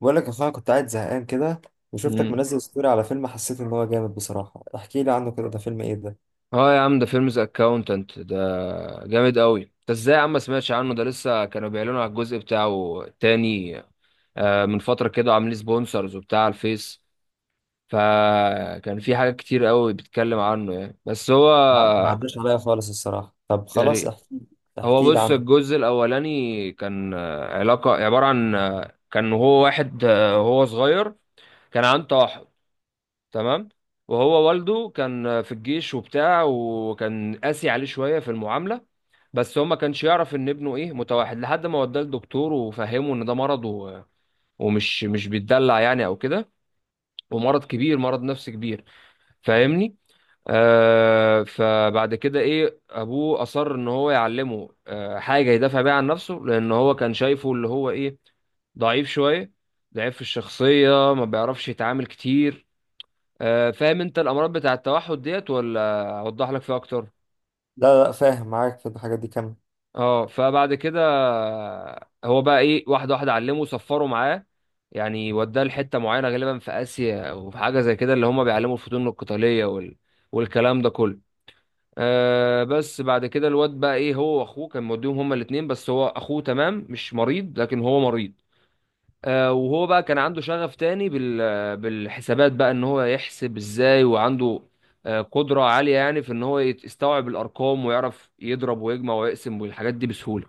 بقول لك يا اخويا، كنت قاعد زهقان كده وشفتك مم. منزل ستوري على فيلم حسيت ان هو جامد. بصراحة احكي لي عنه كده، ده فيلم ايه ده؟ اه يا عم، ده فيلم ذا اكاونتنت ده، جامد قوي. انت ازاي يا عم ما سمعتش عنه؟ ده لسه كانوا بيعلنوا على الجزء بتاعه تاني. من فترة كده عاملين سبونسرز وبتاع على الفيس. فكان في حاجات كتير قوي بيتكلم عنه يعني، بس هو لا، ما عداش عليا خالص الصراحة. طب خلاص، يعني. احكي هو احكي لي بص، عنه. الجزء الأولاني كان علاقة عبارة عن كان هو واحد هو صغير، كان عنده توحد، تمام. وهو والده كان في الجيش وبتاع، وكان قاسي عليه شوية في المعاملة. بس هو ما كانش يعرف ان ابنه ايه، متوحد، لحد ما وداه لدكتور وفهمه ان ده مرض، و... ومش مش بيتدلع يعني او كده، ومرض كبير، مرض نفسي كبير، فاهمني؟ فبعد كده ايه، ابوه اصر ان هو يعلمه حاجه يدافع بيها عن نفسه، لان هو كان شايفه اللي هو ايه، ضعيف شويه، ضعيف في الشخصيه، ما بيعرفش يتعامل كتير. فاهم انت الامراض بتاع التوحد ديت، ولا اوضح لك فيها اكتر؟ لا لا، فاهم معاك في الحاجات دي كم. اه فبعد كده هو بقى ايه، واحده واحده علمه، صفروا معاه يعني، وداه لحته معينه، غالبا في اسيا او في حاجه زي كده، اللي هم بيعلموا الفنون القتاليه، وال... والكلام ده كله. بس بعد كده، الواد بقى ايه، هو واخوه كان موديهم هما الاثنين، بس هو اخوه تمام مش مريض، لكن هو مريض. وهو بقى كان عنده شغف تاني بالحسابات، بقى ان هو يحسب ازاي، وعنده قدرة عالية يعني في ان هو يستوعب الارقام، ويعرف يضرب ويجمع ويقسم والحاجات دي بسهولة.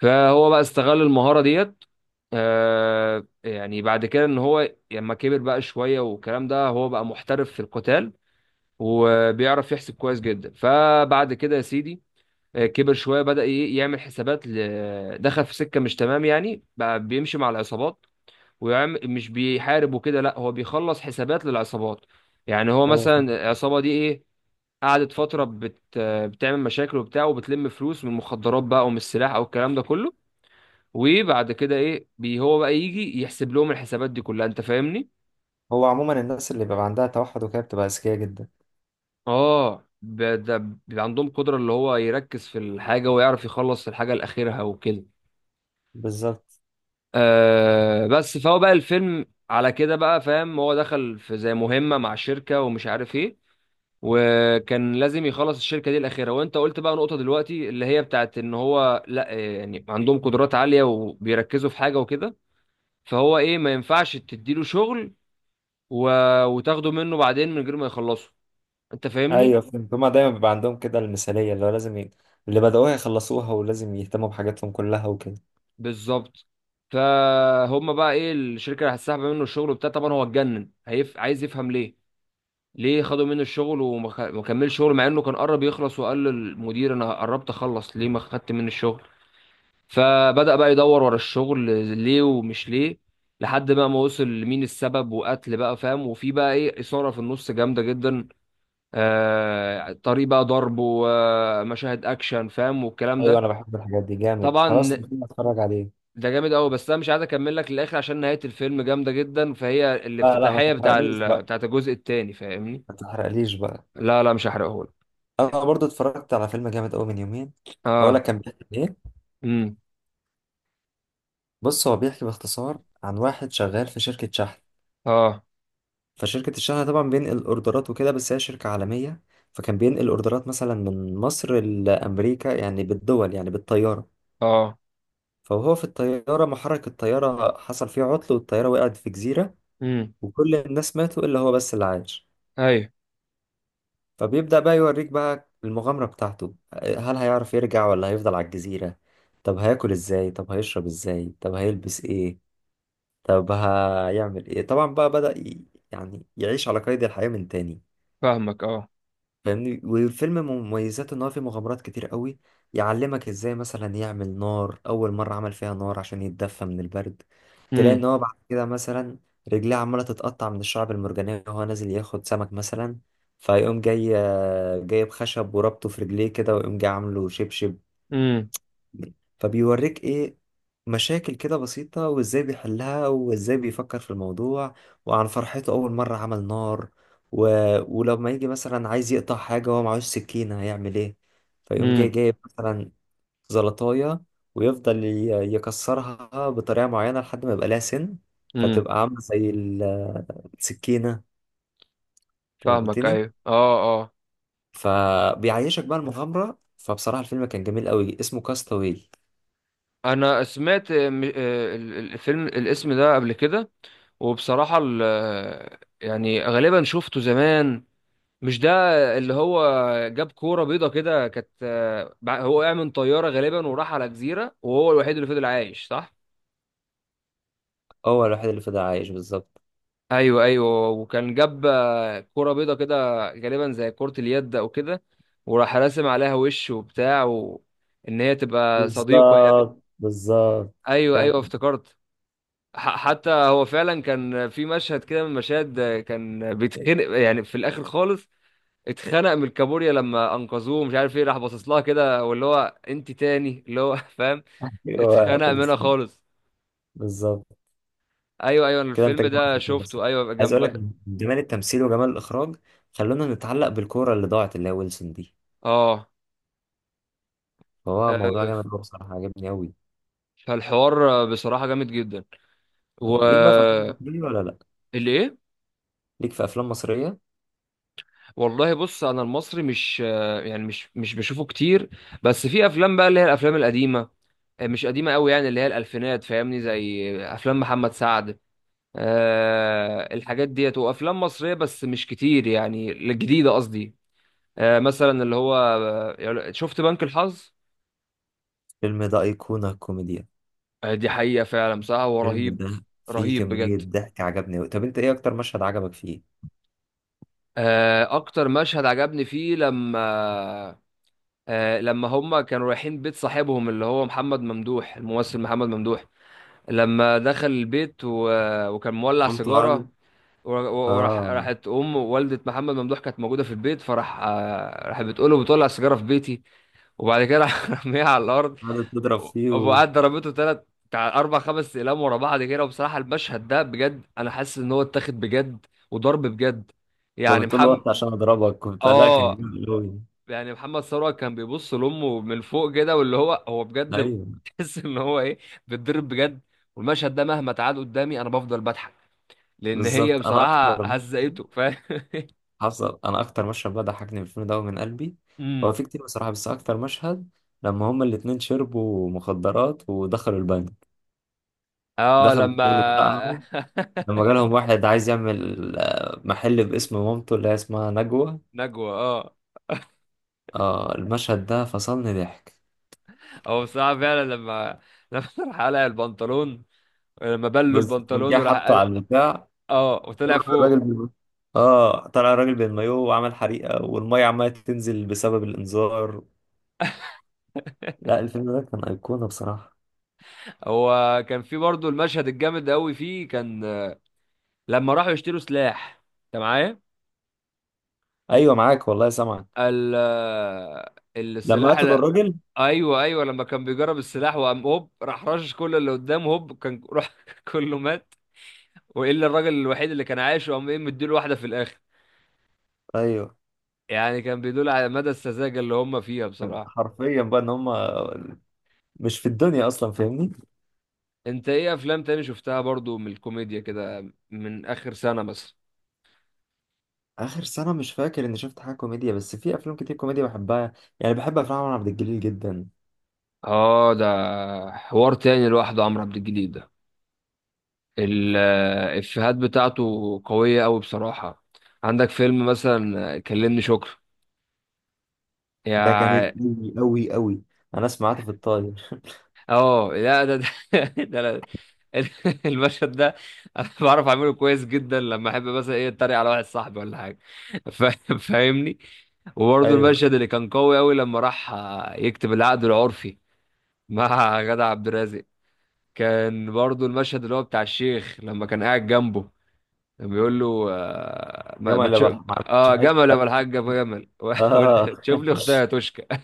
فهو بقى استغل المهارة ديت. يعني بعد كده، ان هو لما كبر بقى شوية والكلام ده، هو بقى محترف في القتال، وبيعرف يحسب كويس جدا. فبعد كده يا سيدي، كبر شوية، بدأ يعمل حسابات، دخل في سكة مش تمام يعني، بقى بيمشي مع العصابات، ويعمل، مش بيحارب وكده لا، هو بيخلص حسابات للعصابات. يعني هو ايوه مثلا فاهم. العصابة دي ايه، قعدت فترة بتعمل مشاكل وبتاع، وبتلم فلوس من المخدرات بقى، ومن السلاح او الكلام ده كله. وبعد كده ايه، هو بقى يجي يحسب لهم الحسابات دي كلها، انت فاهمني؟ هو عموما الناس اللي بيبقى عندها توحد وكده بتبقى اذكياء جدا. اه. ده بيبقى عندهم قدرة، اللي هو يركز في الحاجة، ويعرف يخلص الحاجة لآخرها وكده. بالظبط. بس، فهو بقى الفيلم على كده بقى فاهم، هو دخل في زي مهمة مع شركة ومش عارف ايه، وكان لازم يخلص الشركه دي الاخيره. وانت قلت بقى نقطه دلوقتي، اللي هي بتاعت ان هو، لا، يعني عندهم قدرات عاليه وبيركزوا في حاجه وكده. فهو ايه، ما ينفعش تديله شغل و... وتاخده منه بعدين من غير ما يخلصه، انت فاهمني؟ ايوه فهمت، هما دايما بيبقى عندهم كده المثالية اللي هو لازم اللي بدأوها يخلصوها، ولازم يهتموا بحاجاتهم كلها وكده. بالظبط. فهم بقى ايه، الشركه اللي هتسحب منه الشغل وبتاع، طبعا هو اتجنن، عايز يفهم ليه. ليه خدوا منه الشغل، وما خ- ما كملش شغل، مع انه كان قرب يخلص، وقال للمدير انا قربت اخلص، ليه ما خدت مني الشغل؟ فبدأ بقى يدور ورا الشغل، ليه ومش ليه، لحد بقى ما وصل لمين السبب، وقتل بقى، فاهم. وفي بقى ايه، إثارة في النص جامدة جدا، طريق بقى ضرب، ومشاهد اكشن فاهم، والكلام ايوه ده. انا بحب الحاجات دي جامد، خلاص طبعا ممكن اتفرج عليه. ده جامد قوي، بس انا مش عايز اكمل لك للاخر، عشان نهاية الفيلم جامدة جدا، فهي لا لا، ما الافتتاحية تحرقليش بقى، بتاعت الجزء التاني، فاهمني؟ ما تحرقليش بقى. لا لا، مش هحرقهولك. انا برضو اتفرجت على فيلم جامد قوي من يومين. اقول لك اه. كان بيحكي عن ايه. امم. بص، هو بيحكي باختصار عن واحد شغال في شركه شحن. اه. فشركه الشحن طبعا بينقل اوردرات وكده، بس هي شركه عالميه. فكان بينقل اوردرات مثلا من مصر لامريكا، يعني بالدول، يعني بالطياره. اه. فهو في الطياره محرك الطياره حصل فيه عطل، والطياره وقعت في جزيره. امم. وكل الناس ماتوا الا هو بس اللي عاش. ايوه، فبيبدأ بقى يوريك بقى المغامرة بتاعته. هل هيعرف يرجع ولا هيفضل على الجزيرة؟ طب هياكل ازاي؟ طب هيشرب ازاي؟ طب هيلبس ايه؟ طب هيعمل ايه؟ طبعا بقى بدأ يعني يعيش على قيد الحياة من تاني. فاهمك. اه. فاهمني، والفيلم مميزاته ان هو فيه مغامرات كتير قوي. يعلمك ازاي مثلا يعمل نار، اول مره عمل فيها نار عشان يتدفى من البرد. تلاقي امم. ان هو بعد كده مثلا رجليه عماله تتقطع من الشعب المرجانيه وهو نازل ياخد سمك مثلا، فيقوم جاي جايب خشب وربطه في رجليه كده، ويقوم جاي عامله شبشب. امم. فبيوريك ايه؟ مشاكل كده بسيطة وازاي بيحلها وازاي بيفكر في الموضوع. وعن فرحته أول مرة عمل نار، و... ولما يجي مثلا عايز يقطع حاجة وهو معهوش سكينة هيعمل ايه؟ فيقوم جاي جايب مثلا زلطاية، ويفضل يكسرها بطريقة معينة لحد ما يبقى لها سن، امم. فتبقى عاملة زي السكينة. فاهمك، فهمتني. ايوه، اه، اه. فبيعيشك بقى المغامرة. فبصراحة الفيلم كان جميل قوي، اسمه كاستاوي. انا سمعت الفيلم، الاسم ده قبل كده، وبصراحة يعني غالبا شفته زمان. مش ده اللي هو جاب كورة بيضة كده، كانت هو وقع من طيارة غالبا، وراح على جزيرة، وهو الوحيد اللي فضل عايش، صح؟ هو الوحيد اللي فضل عايش بالظبط. ايوه ايوه، وكان جاب كورة بيضة كده، غالبا زي كرة اليد او كده، وراح راسم عليها وش وبتاع و... ان هي تبقى صديقه يعني. بالظبط بالظبط، ايوه كده انت. ايوه افتكرت. حتى هو فعلا كان في مشهد كده من المشاهد، كان بيتخنق يعني في الاخر خالص، اتخنق من الكابوريا لما انقذوه، مش عارف ايه، راح باصص لها كده، واللي هو انت تاني اللي هو فاهم. ايوه اتخنق منها بالظبط خالص. بالظبط. ايوه ايوه، كده الفيلم انت جمعت ده الفكرة. بس شفته، ايوه، عايز جنب. اقول لك جمال التمثيل وجمال الاخراج، خلونا نتعلق بالكوره اللي ضاعت اللي هي ويلسون دي. اه. فهو آه، موضوع جامد قوي بصراحه، عجبني قوي. فالحوار بصراحة جامد جدا، و... ليك بقى في افلام مصريه ولا لا؟ اللي ايه؟ ليك في افلام مصريه. والله بص، انا المصري مش يعني مش بشوفه كتير. بس في افلام بقى، اللي هي الافلام القديمة، مش قديمة قوي، يعني اللي هي الألفينات، فاهمني، زي أفلام محمد سعد. أه، الحاجات ديت، وأفلام مصرية، بس مش كتير، يعني الجديدة قصدي. أه، مثلا اللي هو شفت بنك الحظ. الفيلم ده ايقونه كوميديا. دي حقيقة فعلا، بصراحة هو الفيلم رهيب. ده فيه رهيب كميه بجد. ضحك، عجبني قوي. طب انت ايه اكتر مشهد عجبك فيه؟ أكتر مشهد عجبني فيه، لما لما هما كانوا رايحين بيت صاحبهم، اللي هو محمد ممدوح، الممثل محمد ممدوح، لما دخل البيت و... وكان مولع قمت قاعد. سيجارة. وراح، اه. ام والده محمد ممدوح كانت موجوده في البيت، فراح آه، راحت بتقول له بتولع السيجاره في بيتي. وبعد كده راح رميها على الارض. قاعدة تضرب فيه، وكانت وقعد ضربته ثلاث، بتاع اربع خمس اقلام ورا بعض كده. وبصراحه المشهد ده بجد، انا حاسس ان هو اتاخد بجد، وضرب بجد. يعني بتقول له محمد وقت عشان اضربك وبتاع، لا كان اه جامد قوي. يعني محمد ثروت، كان بيبص لامه من فوق كده، واللي هو هو بجد ايوه تحس ان هو ايه، بيتضرب بجد. والمشهد ده مهما تعاد قدامي، انا بفضل بضحك، لان هي بالظبط. انا بصراحه اكتر هزقته، فاهم حصل، انا اكتر مشهد بقى ضحكني في الفيلم ده من قلبي. هو امم. في كتير بصراحه، بس اكتر مشهد لما هما الاتنين شربوا مخدرات ودخلوا البنك، اه، دخلوا لما الشغل بتاعهم، لما جالهم واحد عايز يعمل محل باسم مامته اللي هي اسمها نجوى. نجوى، اه. اه، المشهد ده فصلني ضحك. هو بصراحة فعلا لما راح قلع البنطلون، لما بلوا بس لما البنطلون جه وراح حطه قلع. على البتاع، اه، طلع وطلع الراجل فوق. اه طلع الراجل بالمايوه وعمل حريقه، والميه عماله تنزل بسبب الانذار. لا، الفيلم ده كان ايقونه بصراحه. هو كان في برضه المشهد الجامد قوي فيه، كان لما راحوا يشتروا سلاح، انت معايا؟ ايوه معاك والله، سامع. ال لما السلاح قتلوا ال... الراجل. ايوه ايوه، لما كان بيجرب السلاح، وقام هوب راح رشش كل اللي قدامه، هوب كان راح كله مات، والا الراجل الوحيد اللي كان عايش، وقام ايه، مديله واحده في الاخر. ايوه، يعني كان بيدل على مدى السذاجة اللي هم فيها بصراحة. حرفيا بقى ان هم مش في الدنيا اصلا، فاهمني. انت ايه، افلام تاني شفتها برضو من الكوميديا كده من اخر سنة مثلا؟ اخر سنه مش فاكر اني شفت حاجه كوميديا، بس في افلام كتير كوميديا بحبها. يعني بحب افلام عمر عبد الجليل جدا. اه، ده حوار تاني لوحده، عمرو عبد الجليل ده، الافيهات بتاعته قوية قوي بصراحة. عندك فيلم مثلا كلمني شكر، ده جامد يا. قوي قوي قوي. انا سمعته في الطاير. اه، لا ده، ده. أنا- المشهد ده، انا بعرف اعمله كويس جدا، لما احب مثلا ايه اتريق على واحد صاحبي ولا حاجه، ف- فاهمني. وبرضه ايوه المشهد اللي كان قوي قوي، لما راح يكتب العقد العرفي مع جدع عبد الرازق، كان برضه المشهد اللي هو بتاع الشيخ لما كان قاعد جنبه، كان بيقول له آه، ما جمع ما اللي تشوف. بلح ما عملتش اه، جمل يا حته. ابو الحاج، ابو جمل اه. تشوف لي اختها يا توشكا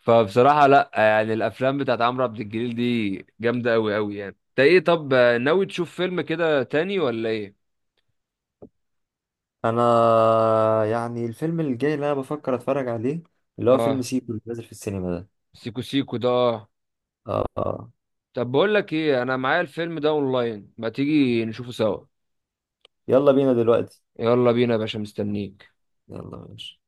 فبصراحة لا، يعني الافلام بتاعت عمرو عبد الجليل دي جامدة قوي قوي. يعني انت ايه طب، ناوي تشوف فيلم كده تاني ولا ايه؟ انا يعني الفيلم الجاي اللي انا بفكر اتفرج عليه اللي هو فيلم اه، سيكو اللي نازل في السينما ده. سيكو. سيكو ده، آه. اه آه. طب بقول لك ايه، انا معايا الفيلم ده اونلاين، ما تيجي نشوفه سوا؟ يلا بينا دلوقتي. يلا بينا يا باشا، مستنيك. يلا ماشي.